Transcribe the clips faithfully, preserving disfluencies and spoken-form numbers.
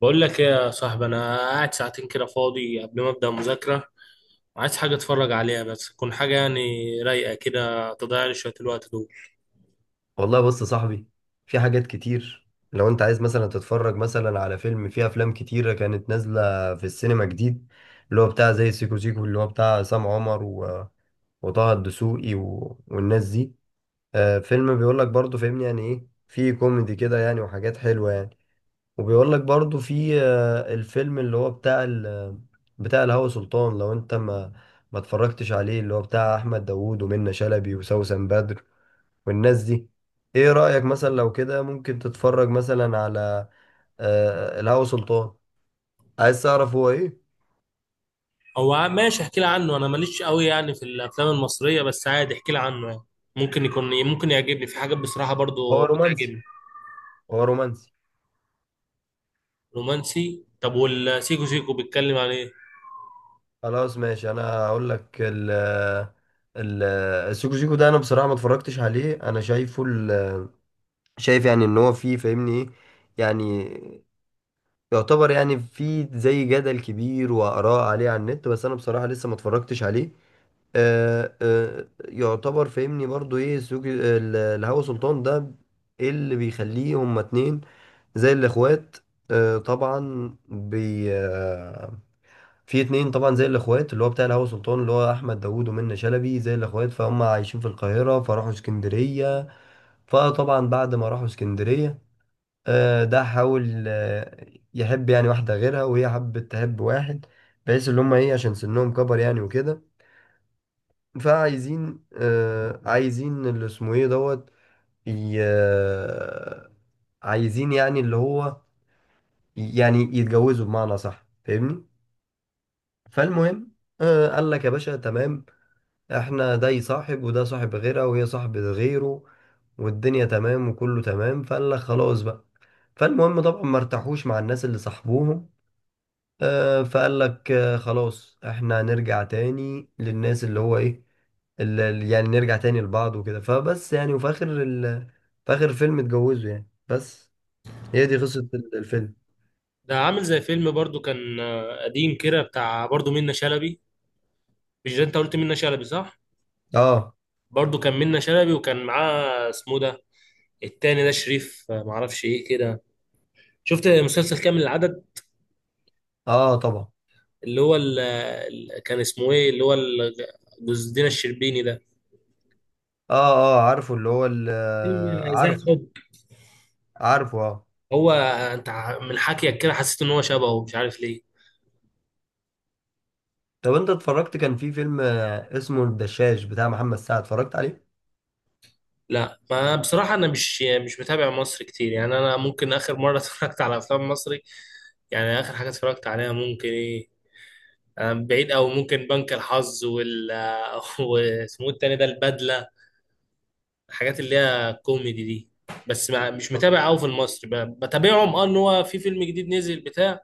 بقول لك ايه يا صاحبي؟ انا قاعد ساعتين كده فاضي قبل ما ابدا مذاكره. عايز حاجه اتفرج عليها، بس تكون حاجه يعني رايقه كده، تضيع لي شويه الوقت دول. والله بص يا صاحبي، في حاجات كتير. لو انت عايز مثلا تتفرج مثلا على فيلم، فيه افلام كتيرة كانت نازلة في السينما جديد، اللي هو بتاع زي سيكو سيكو اللي هو بتاع عصام عمر و... وطه الدسوقي و... والناس دي. آه، فيلم بيقول لك برضه فاهمني يعني، ايه فيه كوميدي كده يعني وحاجات حلوة يعني. وبيقول لك برضه في آه الفيلم اللي هو بتاع ال... بتاع الهوى سلطان. لو انت ما ما اتفرجتش عليه، اللي هو بتاع احمد داوود ومنة شلبي وسوسن بدر والناس دي. ايه رأيك مثلا لو كده ممكن تتفرج مثلا على آه الهوى سلطان، عايز تعرف هو ايه؟ هو ع- ماشي، احكي لي عنه. انا ماليش قوي يعني في الافلام المصريه، بس عادي احكي لي عنه يعني. ممكن يكون ممكن يعجبني، في حاجات بصراحه هو برضو رومانسي. بتعجبني. هو رومانسي. رومانسي. طب والسيكو سيكو بيتكلم عن ايه؟ خلاص ماشي، انا هقول لك ال ال السيكو سيكو ده. انا بصراحة ما اتفرجتش عليه. انا شايفه ال- شايف يعني ان هو فيه فاهمني ايه يعني، يعتبر يعني فيه زي جدل كبير وآراء عليه على النت، بس انا بصراحة لسه ما اتفرجتش عليه. آه، آه، يعتبر فاهمني برضو ايه سوق ال- الهوا سلطان ده. ايه اللي بيخليه هما اتنين زي الاخوات؟ آه، طبعا بي آه، في اتنين طبعا زي الاخوات، اللي هو بتاع الهوا سلطان اللي هو احمد داوود ومنة شلبي، زي الاخوات فهم عايشين في القاهرة فراحوا اسكندرية. فطبعا بعد ما راحوا اسكندرية، آه، ده حاول آه، يحب يعني واحدة غيرها، وهي حبت تحب واحد، بحيث اللي هما ايه عشان سنهم كبر يعني وكده. فعايزين آه عايزين اللي اسمه ايه دوت، ي- آه، عايزين يعني اللي هو يعني يتجوزوا بمعنى صح فاهمني. فالمهم آه قال لك يا باشا تمام، احنا ده صاحب وده صاحب غيرها وهي صاحبة غيره والدنيا تمام وكله تمام. فقال لك خلاص بقى. فالمهم طبعا ما ارتاحوش مع الناس اللي صاحبوهم. آه فقال لك آه خلاص، احنا هنرجع تاني للناس اللي هو ايه، ال... ال- يعني نرجع تاني لبعض وكده. فبس يعني، وفي آخر ال... في آخر الفيلم اتجوزوا يعني بس. هي دي قصة ال- الفيلم. ده عامل زي فيلم برضو كان آه، قديم كده بتاع برضو منة شلبي. مش ده انت قلت منة شلبي، صح؟ اه. برضو كان منة شلبي، وكان معاه اسمه ده. التاني ده شريف، آه، معرفش ايه كده. شفت مسلسل كامل العدد؟ اه طبعا. اللي هو ال... ال- كان اسمه ايه، اللي هو ال- جوز دينا الشربيني ده، اه. اه عارفه اللي هو ال... آه، فيلم ذات عارفه. حب. عارفه اه. هو انت ع- من حكيك كده حسيت ان هو شبهه مش عارف ليه. طب انت اتفرجت، كان في فيلم آه، اسمه الدشاش بتاع محمد سعد، اتفرجت عليه؟ لا، ما بصراحة انا مش مش متابع مصر كتير يعني. انا ممكن اخر مرة اتفرجت على افلام مصري. يعني اخر حاجة اتفرجت عليها ممكن ايه؟ أنا بعيد او ممكن بنك الحظ وال واسمه إيه التاني ده البدلة، الحاجات اللي هي كوميدي دي. بس ما مش متابع قوي في المصري، ب- بتابعهم، اه ان هو في فيلم جديد نزل بتاع،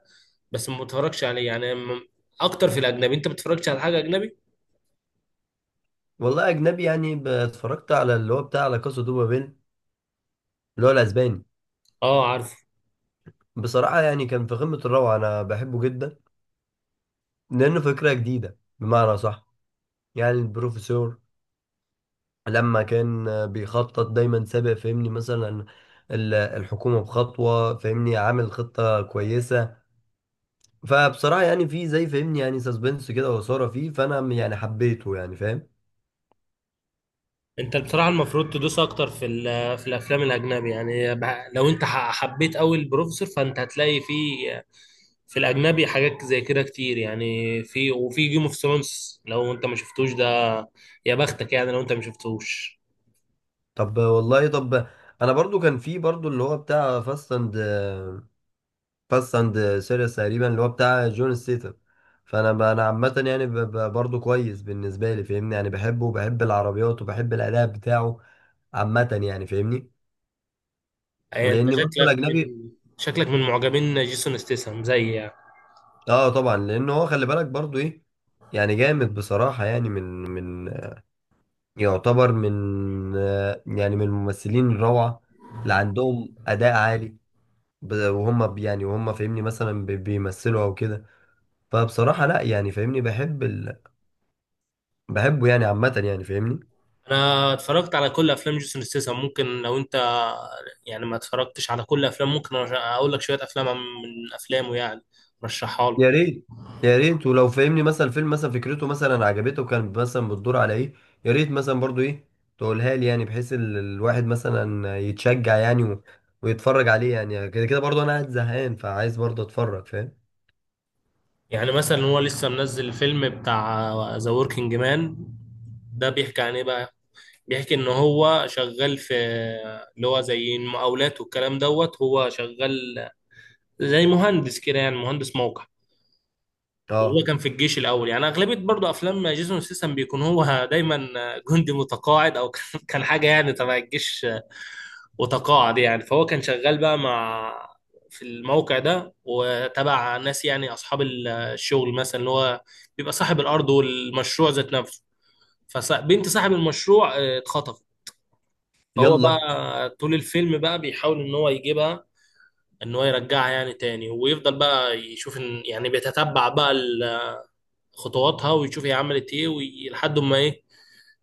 بس ما بتفرجش عليه يعني، م- اكتر في الاجنبي. انت بتتفرجش على حاجه اجنبي؟ والله اجنبي يعني، ب- اتفرجت على اللي هو بتاع لا كاسا دو بابيل، اللي هو الاسباني. اه، عارف. بصراحة يعني كان في قمة الروعة، انا بحبه جدا لانه فكرة جديدة بمعنى صح. يعني البروفيسور لما كان بيخطط دايما سابق فهمني مثلا ال- الحكومة بخطوة، فهمني عامل خطة كويسة. فبصراحة يعني في زي فهمني يعني سسبنس كده وإثارة فيه، فأنا يعني حبيته يعني فاهم. انت بصراحه المفروض تدوس اكتر في ال- في الافلام الاجنبي، يعني ب- لو انت ح- حبيت قوي البروفيسور، فانت هتلاقي في في الاجنبي حاجات زي كده كتير يعني، في وفي جيم اوف ثرونز. لو انت ما شفتوش ده، يا بختك، يعني لو انت ما شفتوش. طب والله طب، أنا برضو كان في برضو اللي هو بتاع فاست أند فاست أند سيريس تقريبا، اللي هو بتاع جون ستيتم. فأنا ب- أنا عامة يعني ب- ب- برضو كويس بالنسبة لي فاهمني يعني، بحبه وبحب العربيات وبحب الأداء بتاعه. عامة يعني فاهمني. يعني انت لأني برضو شكلك الأجنبي. من شكلك من معجبين جيسون ستيسن زي يعني. اه طبعا لان هو خلي بالك برضو ايه، يعني جامد بصراحة يعني، من من يعتبر من آه، يعني من الممثلين الروعة اللي عندهم أداء عالي، ب- وهم ب- يعني وهم فاهمني مثلا بي- بيمثلوا أو كده. فبصراحة لا يعني فاهمني بحب ال... بحبه يعني عامة يعني فاهمني. انا اتفرجت على كل افلام جيسون ستيسن. ممكن لو انت يعني ما اتفرجتش على كل افلام، ممكن أرش- اقول لك شويه افلام من افلامه يعني، رشحها له. يا ريت. يا ريت، ولو فاهمني مثلا فيلم مثلا فكرته مثلا عجبته، وكان مثلا بتدور على ايه، يا ريت مثلا برضو ايه تقولها لي يعني، بحيث ال- الواحد مثلا يتشجع يعني و... ويتفرج عليه يعني. كده كده برضو انا قاعد زهقان فعايز برضو اتفرج فاهم. يعني مثلا هو لسه منزل الفيلم بتاع ذا وركينج مان. ده بيحكي عن ايه بقى؟ بيحكي ان هو شغال في، اللي هو زي المقاولات والكلام دوت، هو شغال زي مهندس كده، يعني مهندس موقع. وهو اه كان في الجيش الاول، يعني اغلبيه برضو افلام جيسون سيسم بيكون هو دايما جندي متقاعد، او كان كان حاجه يعني تبع الجيش وتقاعد، يعني فهو كان شغال بقى مع، في الموقع ده، وتبع ناس يعني اصحاب ال- الشغل مثلا، اللي هو بيبقى صاحب الارض والمشروع ذات نفسه. فبنت صاحب المشروع آه، اتخطفت. فهو بقى يلا. طول الفيلم بقى بيحاول ان هو يجيبها، ان هو يرجعها يعني تاني، ويفضل بقى يشوف، ان يعني بيتتبع بقى خطواتها، ويشوف هي عملت ايه، وي- لحد ما ايه،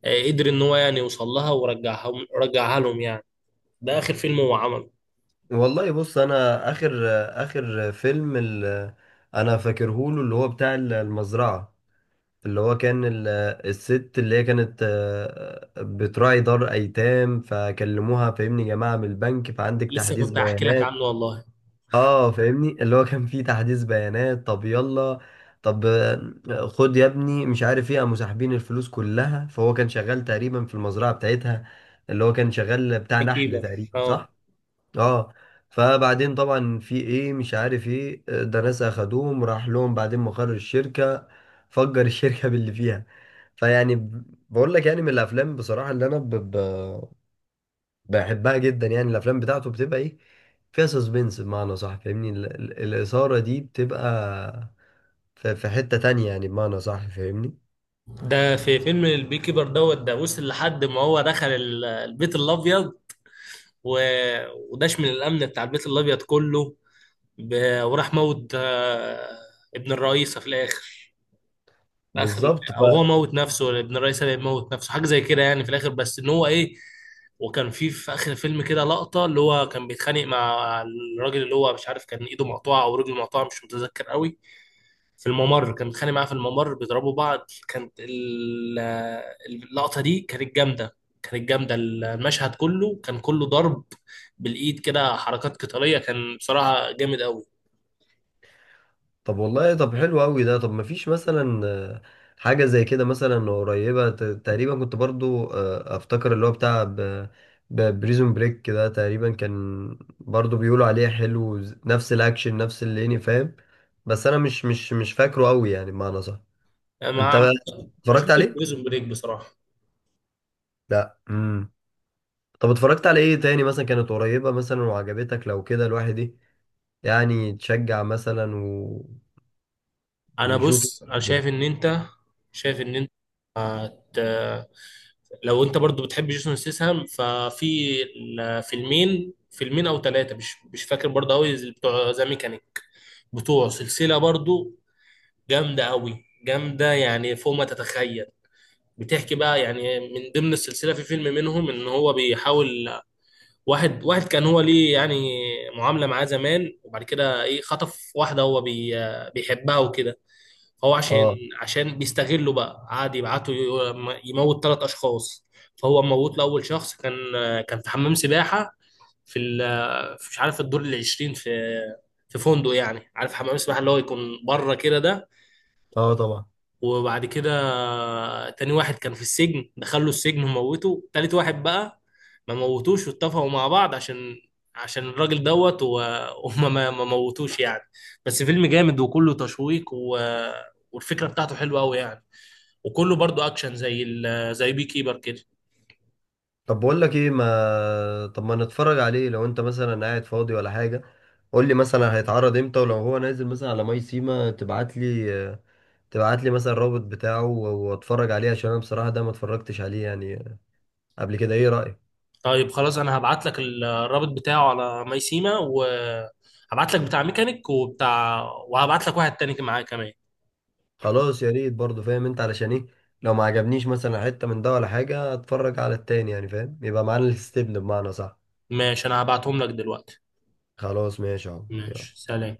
آه، قدر ان هو يعني يوصل لها ورجعها، رجعها لهم يعني. ده اخر فيلم هو عمله. والله بص انا اخر، اخر فيلم ال... انا فاكرهوله اللي هو بتاع المزرعة، اللي هو كان ال- الست اللي هي كانت آه، بتراعي دار ايتام، فكلموها فاهمني يا جماعه من البنك، فعندك لسه تحديث كنت هحكي لك بيانات. عنه والله. اه فاهمني اللي هو كان فيه تحديث بيانات، طب يلا، طب آه، خد يا ابني مش عارف ايه، قاموا ساحبين الفلوس كلها. فهو كان شغال تقريبا في المزرعه بتاعتها، اللي هو كان شغال بتاع بي نحل كيبر، تقريبا اه. صح؟ اه. فبعدين طبعا في ايه مش عارف ايه آه، ده ناس اخدوهم، راح لهم بعدين مقر الشركة، فجر الشركة باللي فيها. فيعني ب- بقول لك يعني من الافلام بصراحة اللي انا ب... ب... بحبها جدا يعني، الافلام بتاعته بتبقى ايه فيها سسبنس بمعنى صح فاهمني، ال... ال- الإثارة دي بتبقى في... في حتة تانية يعني بمعنى صح فاهمني. ده في فيلم البي كيبر دوت، ده وصل لحد ما هو دخل ال- البيت الابيض و... وداش من الامن بتاع البيت الابيض كله، ب... وراح موت آه، ابن الرئيسة في الاخر. في اخر الف- بالظبط. او هو موت نفسه ولا ابن الرئيس اللي موت نفسه، حاجه زي كده يعني في الاخر، بس ان هو ايه. وكان في في اخر الفيلم كده لقطه، اللي هو كان بيتخانق مع الراجل اللي هو مش عارف كان ايده مقطوعه او رجله مقطوعه، مش متذكر قوي. في الممر كان بيتخانق معاه، في الممر بيضربوا بعض. كانت ال- اللقطه دي كانت جامده، كانت جامده، المشهد كله كان كله ضرب بالايد كده، حركات قتاليه، كان بصراحه جامد قوي. طب والله طب حلو قوي ده. طب مفيش مثلا آه، حاجة زي كده مثلا قريبة ت- تقريبا، كنت برضو آه، افتكر اللي هو بتاع بريزون بريك ده تقريبا كان برضو بيقولوا عليه حلو، ز- نفس الاكشن نفس الليني فاهم. بس انا مش مش مش فاكره قوي يعني بمعنى صح. انت ما بقى ما اتفرجت شفتش عليه؟ بريزون بريك بصراحه. لا امم طب اتفرجت على ايه تاني مثلا كانت قريبة مثلا وعجبتك لو كده الواحد إيه يعني تشجع مثلا و... انا ويشوف. بص، انا شايف ان انت شايف ان انت هت... لو انت برضو بتحب جيسون ستاثام، ففي ال- فيلمين فيلمين او ثلاثه، مش مش فاكر برضو قوي، بتوع ذا ميكانيك، بتوع سلسله برضو، جامده قوي، جامده يعني فوق ما تتخيل. بتحكي بقى يعني من ضمن السلسله في فيلم منهم ان هو بيحاول، واحد واحد كان هو ليه يعني معامله معاه زمان، وبعد كده ايه خطف واحده هو بي... بيحبها وكده. فهو عشان اه. عشان بيستغلوا بقى، قعد يبعتوا ي- يموت ثلاث اشخاص. فهو موت له اول شخص، كان كان في حمام سباحه، في ال- في- مش عارف الدور العشرين في في فندق، يعني عارف حمام السباحه اللي هو يكون بره كده ده. اه طبعا. وبعد كده، تاني واحد كان في السجن، دخله السجن وموته. تالت واحد بقى ما موتوش، واتفقوا مع بعض عشان عشان الراجل دوت و- وما ما ما موتوش يعني. بس فيلم جامد وكله تشويق و... والفكرة بتاعته حلوة قوي يعني، وكله برضو اكشن زي ال... زي بي كيبر كده. طب بقول لك ايه، ما طب ما نتفرج عليه لو انت مثلا قاعد فاضي ولا حاجه. قول لي مثلا هيتعرض امتى، ولو هو نازل مثلا على ماي سيما تبعت لي، تبعت لي مثلا الرابط بتاعه واتفرج عليه، عشان انا بصراحه ده ما اتفرجتش عليه يعني قبل كده. ايه رايك؟ طيب، خلاص. انا هبعت لك ال- الرابط بتاعه على ميسيما، وهبعت لك بتاع ميكانيك وبتاع، وهبعت لك واحد تاني معاه كمان. خلاص يا ريت برضه فاهم انت، علشان ايه لو ما عجبنيش مثلا حته من ده ولا حاجه اتفرج على التاني يعني فاهم، يبقى معانا الاستبن بمعنى صح. ماشي، انا هبعتهم لك دلوقتي. خلاص ماشي اهو يلا ماشي، سلام.